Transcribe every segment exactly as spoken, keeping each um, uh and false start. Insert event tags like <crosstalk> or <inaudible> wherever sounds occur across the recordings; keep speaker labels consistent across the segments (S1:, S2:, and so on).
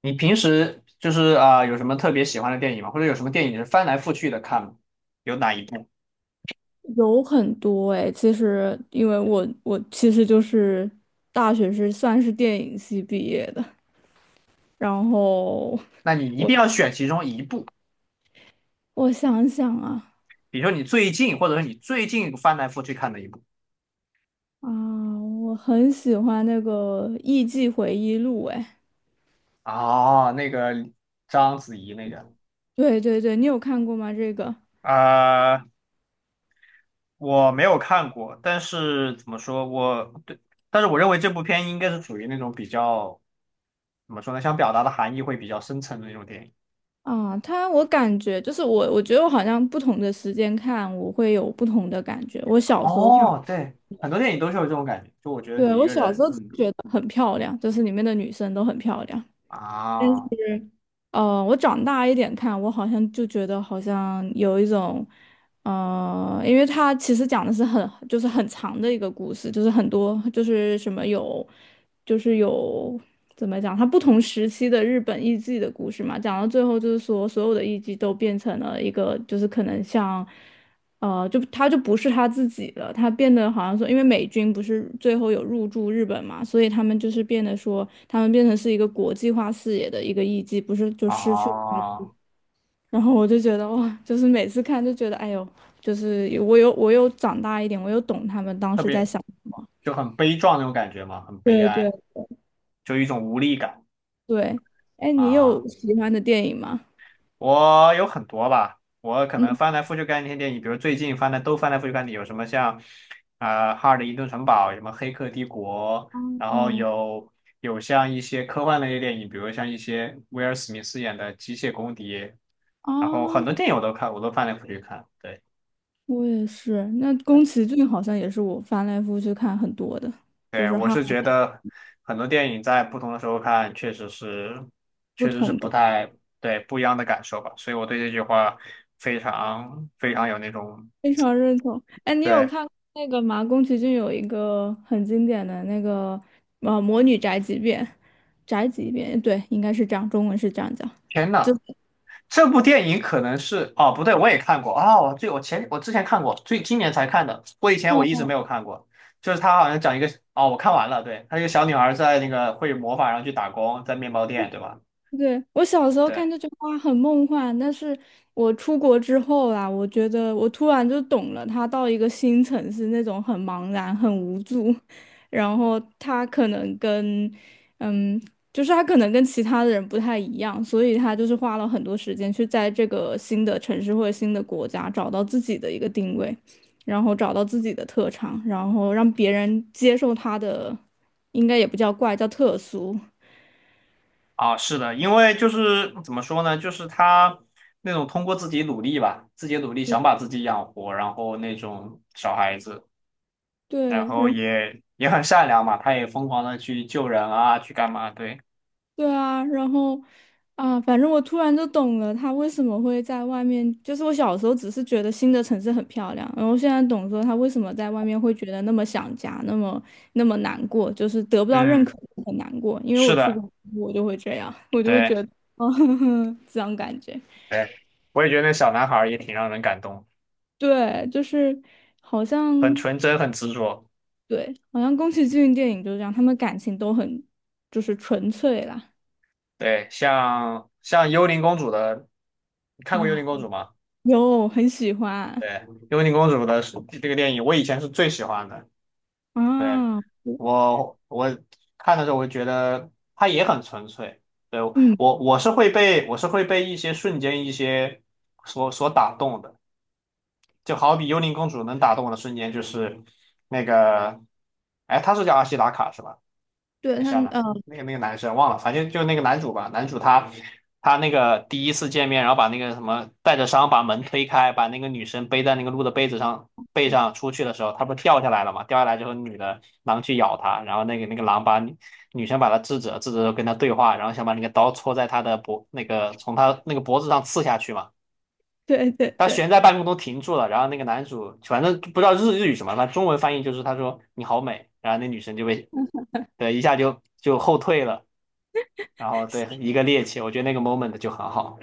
S1: 你平时就是啊、呃有什么特别喜欢的电影吗？或者有什么电影是翻来覆去的看吗？有哪一部？
S2: 有很多哎，其实因为我我其实就是大学是算是电影系毕业的，然后
S1: 那你一
S2: 我
S1: 定要选其中一部，
S2: 我想想啊
S1: 比如说你最近，或者说你最近翻来覆去看的一部。
S2: 啊，我很喜欢那个《艺伎回忆录》哎，
S1: 哦，那个章子怡那个，
S2: 对对对，你有看过吗？这个
S1: 呃，我没有看过，但是怎么说，我对，但是我认为这部片应该是属于那种比较怎么说呢，想表达的含义会比较深层的那种电影。
S2: 啊，它我感觉就是我我觉得我好像不同的时间看我会有不同的感觉。我小时候看，
S1: 哦，对，很多电影都是有这种感觉，就我觉得
S2: 对，
S1: 你一
S2: 我
S1: 个
S2: 小时
S1: 人，
S2: 候
S1: 嗯
S2: 觉得很漂亮，就是里面的女生都很漂亮。
S1: 啊。
S2: 呃，我长大一点看，我好像就觉得好像有一种，呃，因为它其实讲的是很就是很长的一个故事，就是很多就是什么有，就是有怎么讲，它不同时期的日本艺妓的故事嘛，讲到最后就是说所有的艺妓都变成了一个就是可能像。呃，就他就不是他自己了，他变得好像说，因为美军不是最后有入驻日本嘛，所以他们就是变得说，他们变成是一个国际化视野的一个艺伎，不是就失去了。
S1: 啊，
S2: 然后我就觉得哇，就是每次看就觉得，哎呦，就是我有我有长大一点，我有懂他们当
S1: 特
S2: 时在
S1: 别
S2: 想什么。
S1: 就很悲壮那种感觉嘛，很悲
S2: 对
S1: 哀，
S2: 对
S1: 就一种无力感
S2: 对，哎，你
S1: 啊。
S2: 有喜欢的电影吗？
S1: 我有很多吧，我可能
S2: 嗯，
S1: 翻来覆去看那些电影，比如最近翻来都翻来覆去看的有什么像，呃，《哈尔的移动城堡》，什么《黑客帝国》，然后
S2: 哦
S1: 有有像一些科幻类的电影，比如像一些威尔史密斯演的《机械公敌》，然后很多
S2: 啊，
S1: 电影我都看，我都翻来覆去看，对。
S2: 我也是。那宫崎骏好像也是我翻来覆去看很多的，就
S1: 对，
S2: 是
S1: 我
S2: 哈。
S1: 是觉得很多电影在不同的时候看，确实是，
S2: 不
S1: 确实是
S2: 同
S1: 不
S2: 的。
S1: 太，对，不一样的感受吧。所以我对这句话非常非常有那种，
S2: 非常认同。哎，你有
S1: 对，
S2: 看那个吗？宫崎骏有一个很经典的那个呃《魔女宅急便》，宅急便，对，应该是这样，中文是这样讲。
S1: 天
S2: 就。
S1: 呐，这部电影可能是，哦，不对，我也看过啊，我最我前我之前看过，最今年才看的，我以前我一直
S2: 哦
S1: 没有看过。就是他好像讲一个，哦，我看完了，对，他一个小女孩在那个会魔法，然后去打工，在面包店，对吧？
S2: 对，我小时候
S1: 对。
S2: 看这句话很梦幻，但是我出国之后啦，我觉得我突然就懂了，他到一个新城市那种很茫然、很无助，然后他可能跟，嗯，就是他可能跟其他的人不太一样，所以他就是花了很多时间去在这个新的城市或者新的国家找到自己的一个定位，然后找到自己的特长，然后让别人接受他的，应该也不叫怪，叫特殊。
S1: 啊，是的，因为就是怎么说呢，就是他那种通过自己努力吧，自己努力想把自己养活，然后那种小孩子，然
S2: 对，
S1: 后
S2: 然。
S1: 也也很善良嘛，他也疯狂的去救人啊，去干嘛？对，
S2: 对啊，然后啊，反正我突然就懂了，他为什么会在外面。就是我小时候只是觉得新的城市很漂亮，然后现在懂说他为什么在外面会觉得那么想家，那么那么难过，就是得不到认
S1: 嗯，
S2: 可很难过。因为我
S1: 是
S2: 出
S1: 的，
S2: 国，我就会这样，我就会觉
S1: 对
S2: 得，哦，<laughs> 这样感觉。
S1: 对，我也觉得那小男孩儿也挺让人感动，
S2: 对，就是好
S1: 很
S2: 像
S1: 纯真，很执着。
S2: 对，好像宫崎骏电影就是这样，他们感情都很就是纯粹啦
S1: 对，像像幽灵公主的，你看过幽
S2: 啊，
S1: 灵公主吗？
S2: 有很喜欢
S1: 对，幽灵公主的这个电影，我以前是最喜欢的。对，
S2: 啊。
S1: 我我看的时候，我觉得他也很纯粹。对，我
S2: 嗯。
S1: 我是会被我是会被一些瞬间一些所所打动的，就好比幽灵公主能打动我的瞬间就是那个，哎，她是叫阿西达卡是吧？
S2: 对
S1: 那
S2: 他，
S1: 小男，
S2: 嗯，
S1: 那个那个男生忘了，反正就是那个男主吧。男主他他那个第一次见面，然后把那个什么带着伤把门推开，把那个女生背在那个鹿的背子上背上出去的时候，他不是掉下来了嘛？掉下来之后，女的狼去咬他，然后那个那个狼把女女生把他制止了，制止了之后跟他对话，然后想把那个刀戳在他的脖那个从他那个脖子上刺下去嘛。
S2: 对对
S1: 他
S2: 对，
S1: 悬在半空中停住了，然后那个男主反正不知道日日语什么，反正中文翻译就是他说你好美，然后那女生就被对一下就就后退了，然后对一个趔趄，我觉得那个 moment 就很好。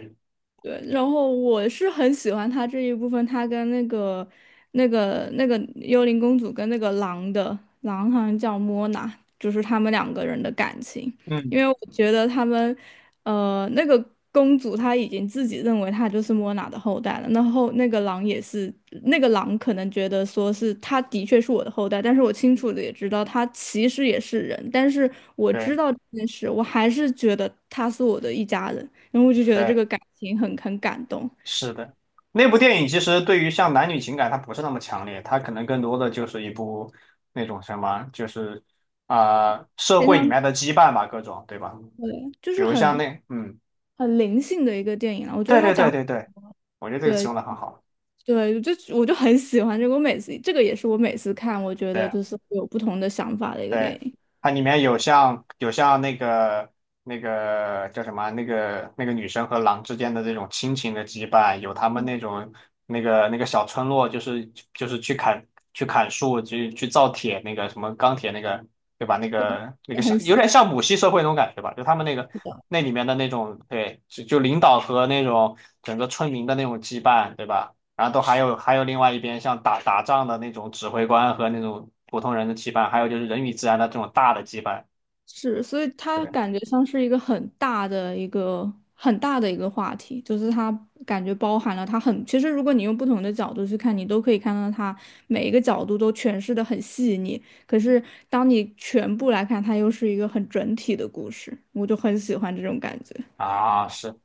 S2: 对，然后我是很喜欢他这一部分，他跟那个、那个、那个幽灵公主跟那个狼的狼好像叫莫娜，就是他们两个人的感情，因
S1: 嗯，
S2: 为我觉得他们，呃，那个公主她已经自己认为她就是莫娜的后代了，然后那个狼也是，那个狼可能觉得说是他的确是我的后代，但是我清楚的也知道他其实也是人，但是我知
S1: 对
S2: 道这件事，我还是觉得他是我的一家人。然后我就觉得这
S1: 对，
S2: 个感情很很感动，
S1: 是的。那部电影其实对于像男女情感，它不是那么强烈，它可能更多的就是一部那种什么，就是啊、呃社
S2: 非
S1: 会里
S2: 常
S1: 面的羁绊吧，各种对吧？
S2: 对，就
S1: 比
S2: 是
S1: 如像
S2: 很
S1: 那嗯，
S2: 很灵性的一个电影了。我觉得
S1: 对
S2: 他
S1: 对对
S2: 讲
S1: 对对，我觉得这个词
S2: 对
S1: 用的很好。
S2: 对，就我就很喜欢这个，我每次这个也是我每次看，我觉得
S1: 对。
S2: 就是有不同的想法的一个电
S1: 对，
S2: 影，
S1: 它里面有像有像那个那个叫什么啊那个那个女生和狼之间的这种亲情的羁绊，有他们那种那个那个小村落，就是就是去砍去砍树，去去造铁那个什么钢铁那个，对吧？那个那个
S2: 也
S1: 像
S2: 很喜
S1: 有点像母系社会那种感觉吧，就他们那个那里面的那种对，就就领导和那种整个村民的那种羁绊，对吧？然后都还有还有另外一边像打打仗的那种指挥官和那种普通人的羁绊，还有就是人与自然的这种大的羁绊。
S2: 是，所以它
S1: 对，
S2: 感觉像是一个很大的一个很大的一个话题，就是它感觉包含了它很，其实如果你用不同的角度去看，你都可以看到它每一个角度都诠释的很细腻。可是当你全部来看，它又是一个很整体的故事，我就很喜欢这种感觉。
S1: 啊，是。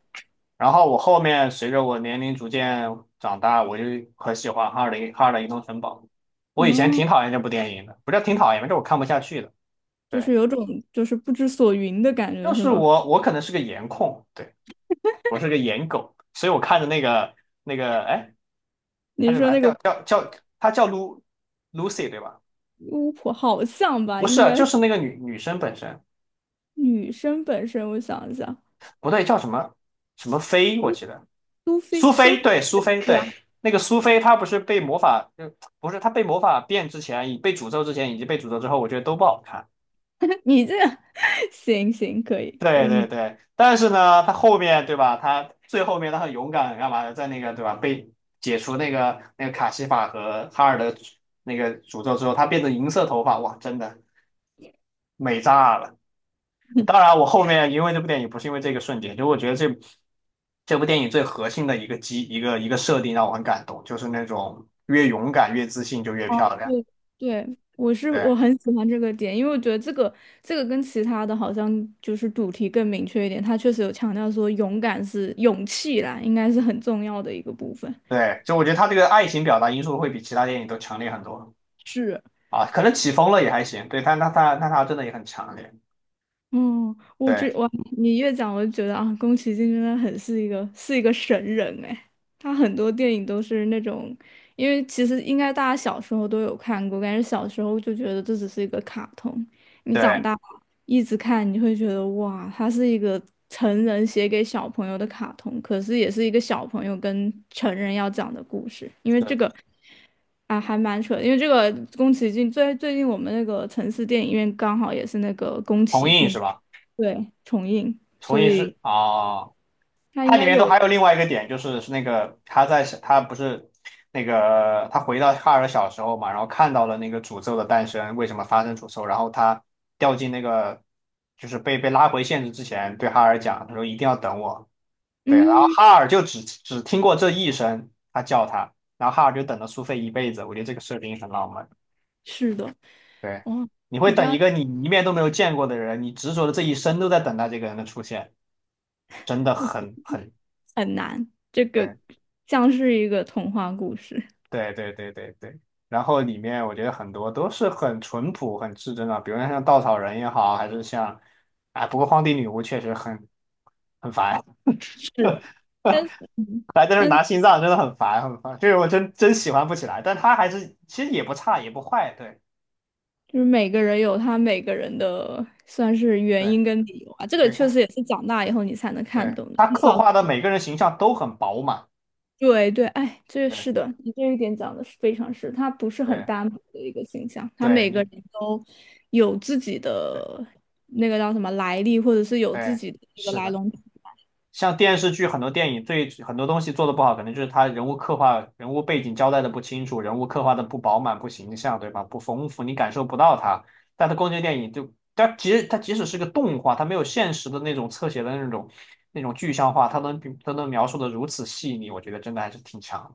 S1: 然后我后面随着我年龄逐渐长大，我就很喜欢哈尔的哈尔的移动城堡。我以前
S2: 嗯，
S1: 挺讨厌这部电影的，不是挺讨厌吧，这我看不下去的。
S2: 就是
S1: 对，
S2: 有种就是不知所云的感觉，
S1: 就
S2: 是
S1: 是
S2: 吗？
S1: 我我可能是个颜控，对，我是个颜狗，所以我看着那个那个，哎，他
S2: 你
S1: 叫什
S2: 说
S1: 么？
S2: 那个
S1: 叫叫叫，他叫 l Lucy 对吧？
S2: 巫婆好像吧，
S1: 不是
S2: 应
S1: 啊，就
S2: 该
S1: 是那个女女生本身，
S2: 女生本身，我想一下，
S1: 不对，叫什么什么飞，我记得
S2: 苏菲
S1: 苏菲，
S2: 苏。
S1: 对，苏菲，对，那个苏菲，她不是被魔法，呃不是她被魔法变之前，被诅咒之前以及被诅咒之后，我觉得都不好看。
S2: <laughs> 你这个 <laughs> 行行可以，
S1: 对对
S2: 嗯，
S1: 对，但是呢，她后面对吧？她最后面她很勇敢，干嘛的，在那个对吧，被解除那个那个卡西法和哈尔的那个诅咒之后，她变成银色头发，哇，真的美炸了。当然，我后面因为这部电影不是因为这个瞬间，就我觉得这这部电影最核心的一个基一个一个设定让我很感动，就是那种越勇敢、越自信就越
S2: 哦，
S1: 漂亮。
S2: 对对，我是
S1: 对
S2: 我很喜欢这个点，因为我觉得这个这个跟其他的好像就是主题更明确一点，它确实有强调说勇敢是勇气啦，应该是很重要的一个部分。
S1: 对，就我觉得他这个爱情表达因素会比其他电影都强烈很多。
S2: 是。
S1: 啊，可能起风了也还行，对，但他他但他真的也很强烈。
S2: 嗯。
S1: 对
S2: 你越讲，我就觉得啊，宫崎骏真的很是一个是一个神人哎。他很多电影都是那种，因为其实应该大家小时候都有看过，但是小时候就觉得这只是一个卡通，你
S1: 对，
S2: 长大一直看，你会觉得哇，他是一个成人写给小朋友的卡通，可是也是一个小朋友跟成人要讲的故事，因为这个。
S1: 是
S2: 啊，还蛮扯的因为这个宫崎骏最最近我们那个城市电影院刚好也是那个宫
S1: 重
S2: 崎
S1: 映
S2: 骏
S1: 是吧？
S2: 对重映，
S1: 重
S2: 所
S1: 映
S2: 以。
S1: 是啊。
S2: 他应
S1: 它里
S2: 该
S1: 面都还
S2: 有，
S1: 有另外一个点，就是是那个他在他不是那个他回到哈尔小时候嘛，然后看到了那个诅咒的诞生，为什么发生诅咒，然后他掉进那个就是被被拉回现实之前，对哈尔讲，他说一定要等我，对，然后
S2: 嗯，
S1: 哈尔就只只听过这一声，他叫他，然后哈尔就等了苏菲一辈子，我觉得这个设定很浪漫，
S2: 是的，
S1: 对，
S2: 哦，
S1: 你会
S2: 你这
S1: 等
S2: 样
S1: 一个你一面都没有见过的人，你执着的这一生都在等待这个人的出现，真的很很。
S2: 很难，这个
S1: 对
S2: 像是一个童话故事，
S1: 对对对对对，然后里面我觉得很多都是很淳朴、很至真的，比如像稻草人也好，还是像，哎，不过荒地女巫确实很很烦，
S2: <laughs> 是，但是，嗯
S1: <laughs> 来在这
S2: 但
S1: 拿心脏真的很烦很烦，这个我真真喜欢不起来，但他还是其实也不差也不坏，对
S2: 就是每个人有他每个人的算是原
S1: 对
S2: 因跟理由啊，这个
S1: 对，
S2: 确
S1: 他
S2: 实也是长大以后你才能看
S1: 对
S2: 懂的，
S1: 他
S2: 你
S1: 刻
S2: 小时
S1: 画
S2: 候，
S1: 的每个人形象都很饱满，
S2: 对对，哎，这是
S1: 对
S2: 的，你这一点讲的是非常是，他不是很
S1: 对
S2: 单薄的一个形象，他
S1: 对，
S2: 每个
S1: 你
S2: 人都有自己
S1: 对
S2: 的那个叫什么来历，或者是有自
S1: 对
S2: 己的一个
S1: 是
S2: 来
S1: 的。
S2: 龙。
S1: 像电视剧很多电影最很多东西做的不好，可能就是他人物刻画、人物背景交代的不清楚，人物刻画的不饱满、不形象，对吧？不丰富，你感受不到他。但他宫崎电影就，它即它即使是个动画，它没有现实的那种侧写的那种那种具象化，它能它能描述的如此细腻，我觉得真的还是挺强的。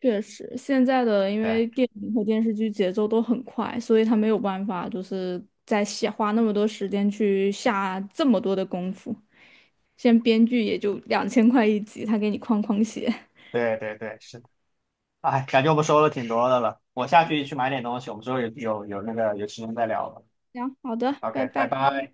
S2: 确实，现在的因为电影和电视剧节奏都很快，所以他没有办法就是再写花那么多时间去下这么多的功夫。现在编剧也就两千块一集，他给你框框写。
S1: 对对对对，是的。哎，感觉我们说了挺多的了，我下去去买点东西，我们之后有有有那个有时间再聊了。
S2: 行，好的，拜
S1: OK，
S2: 拜。
S1: 拜拜。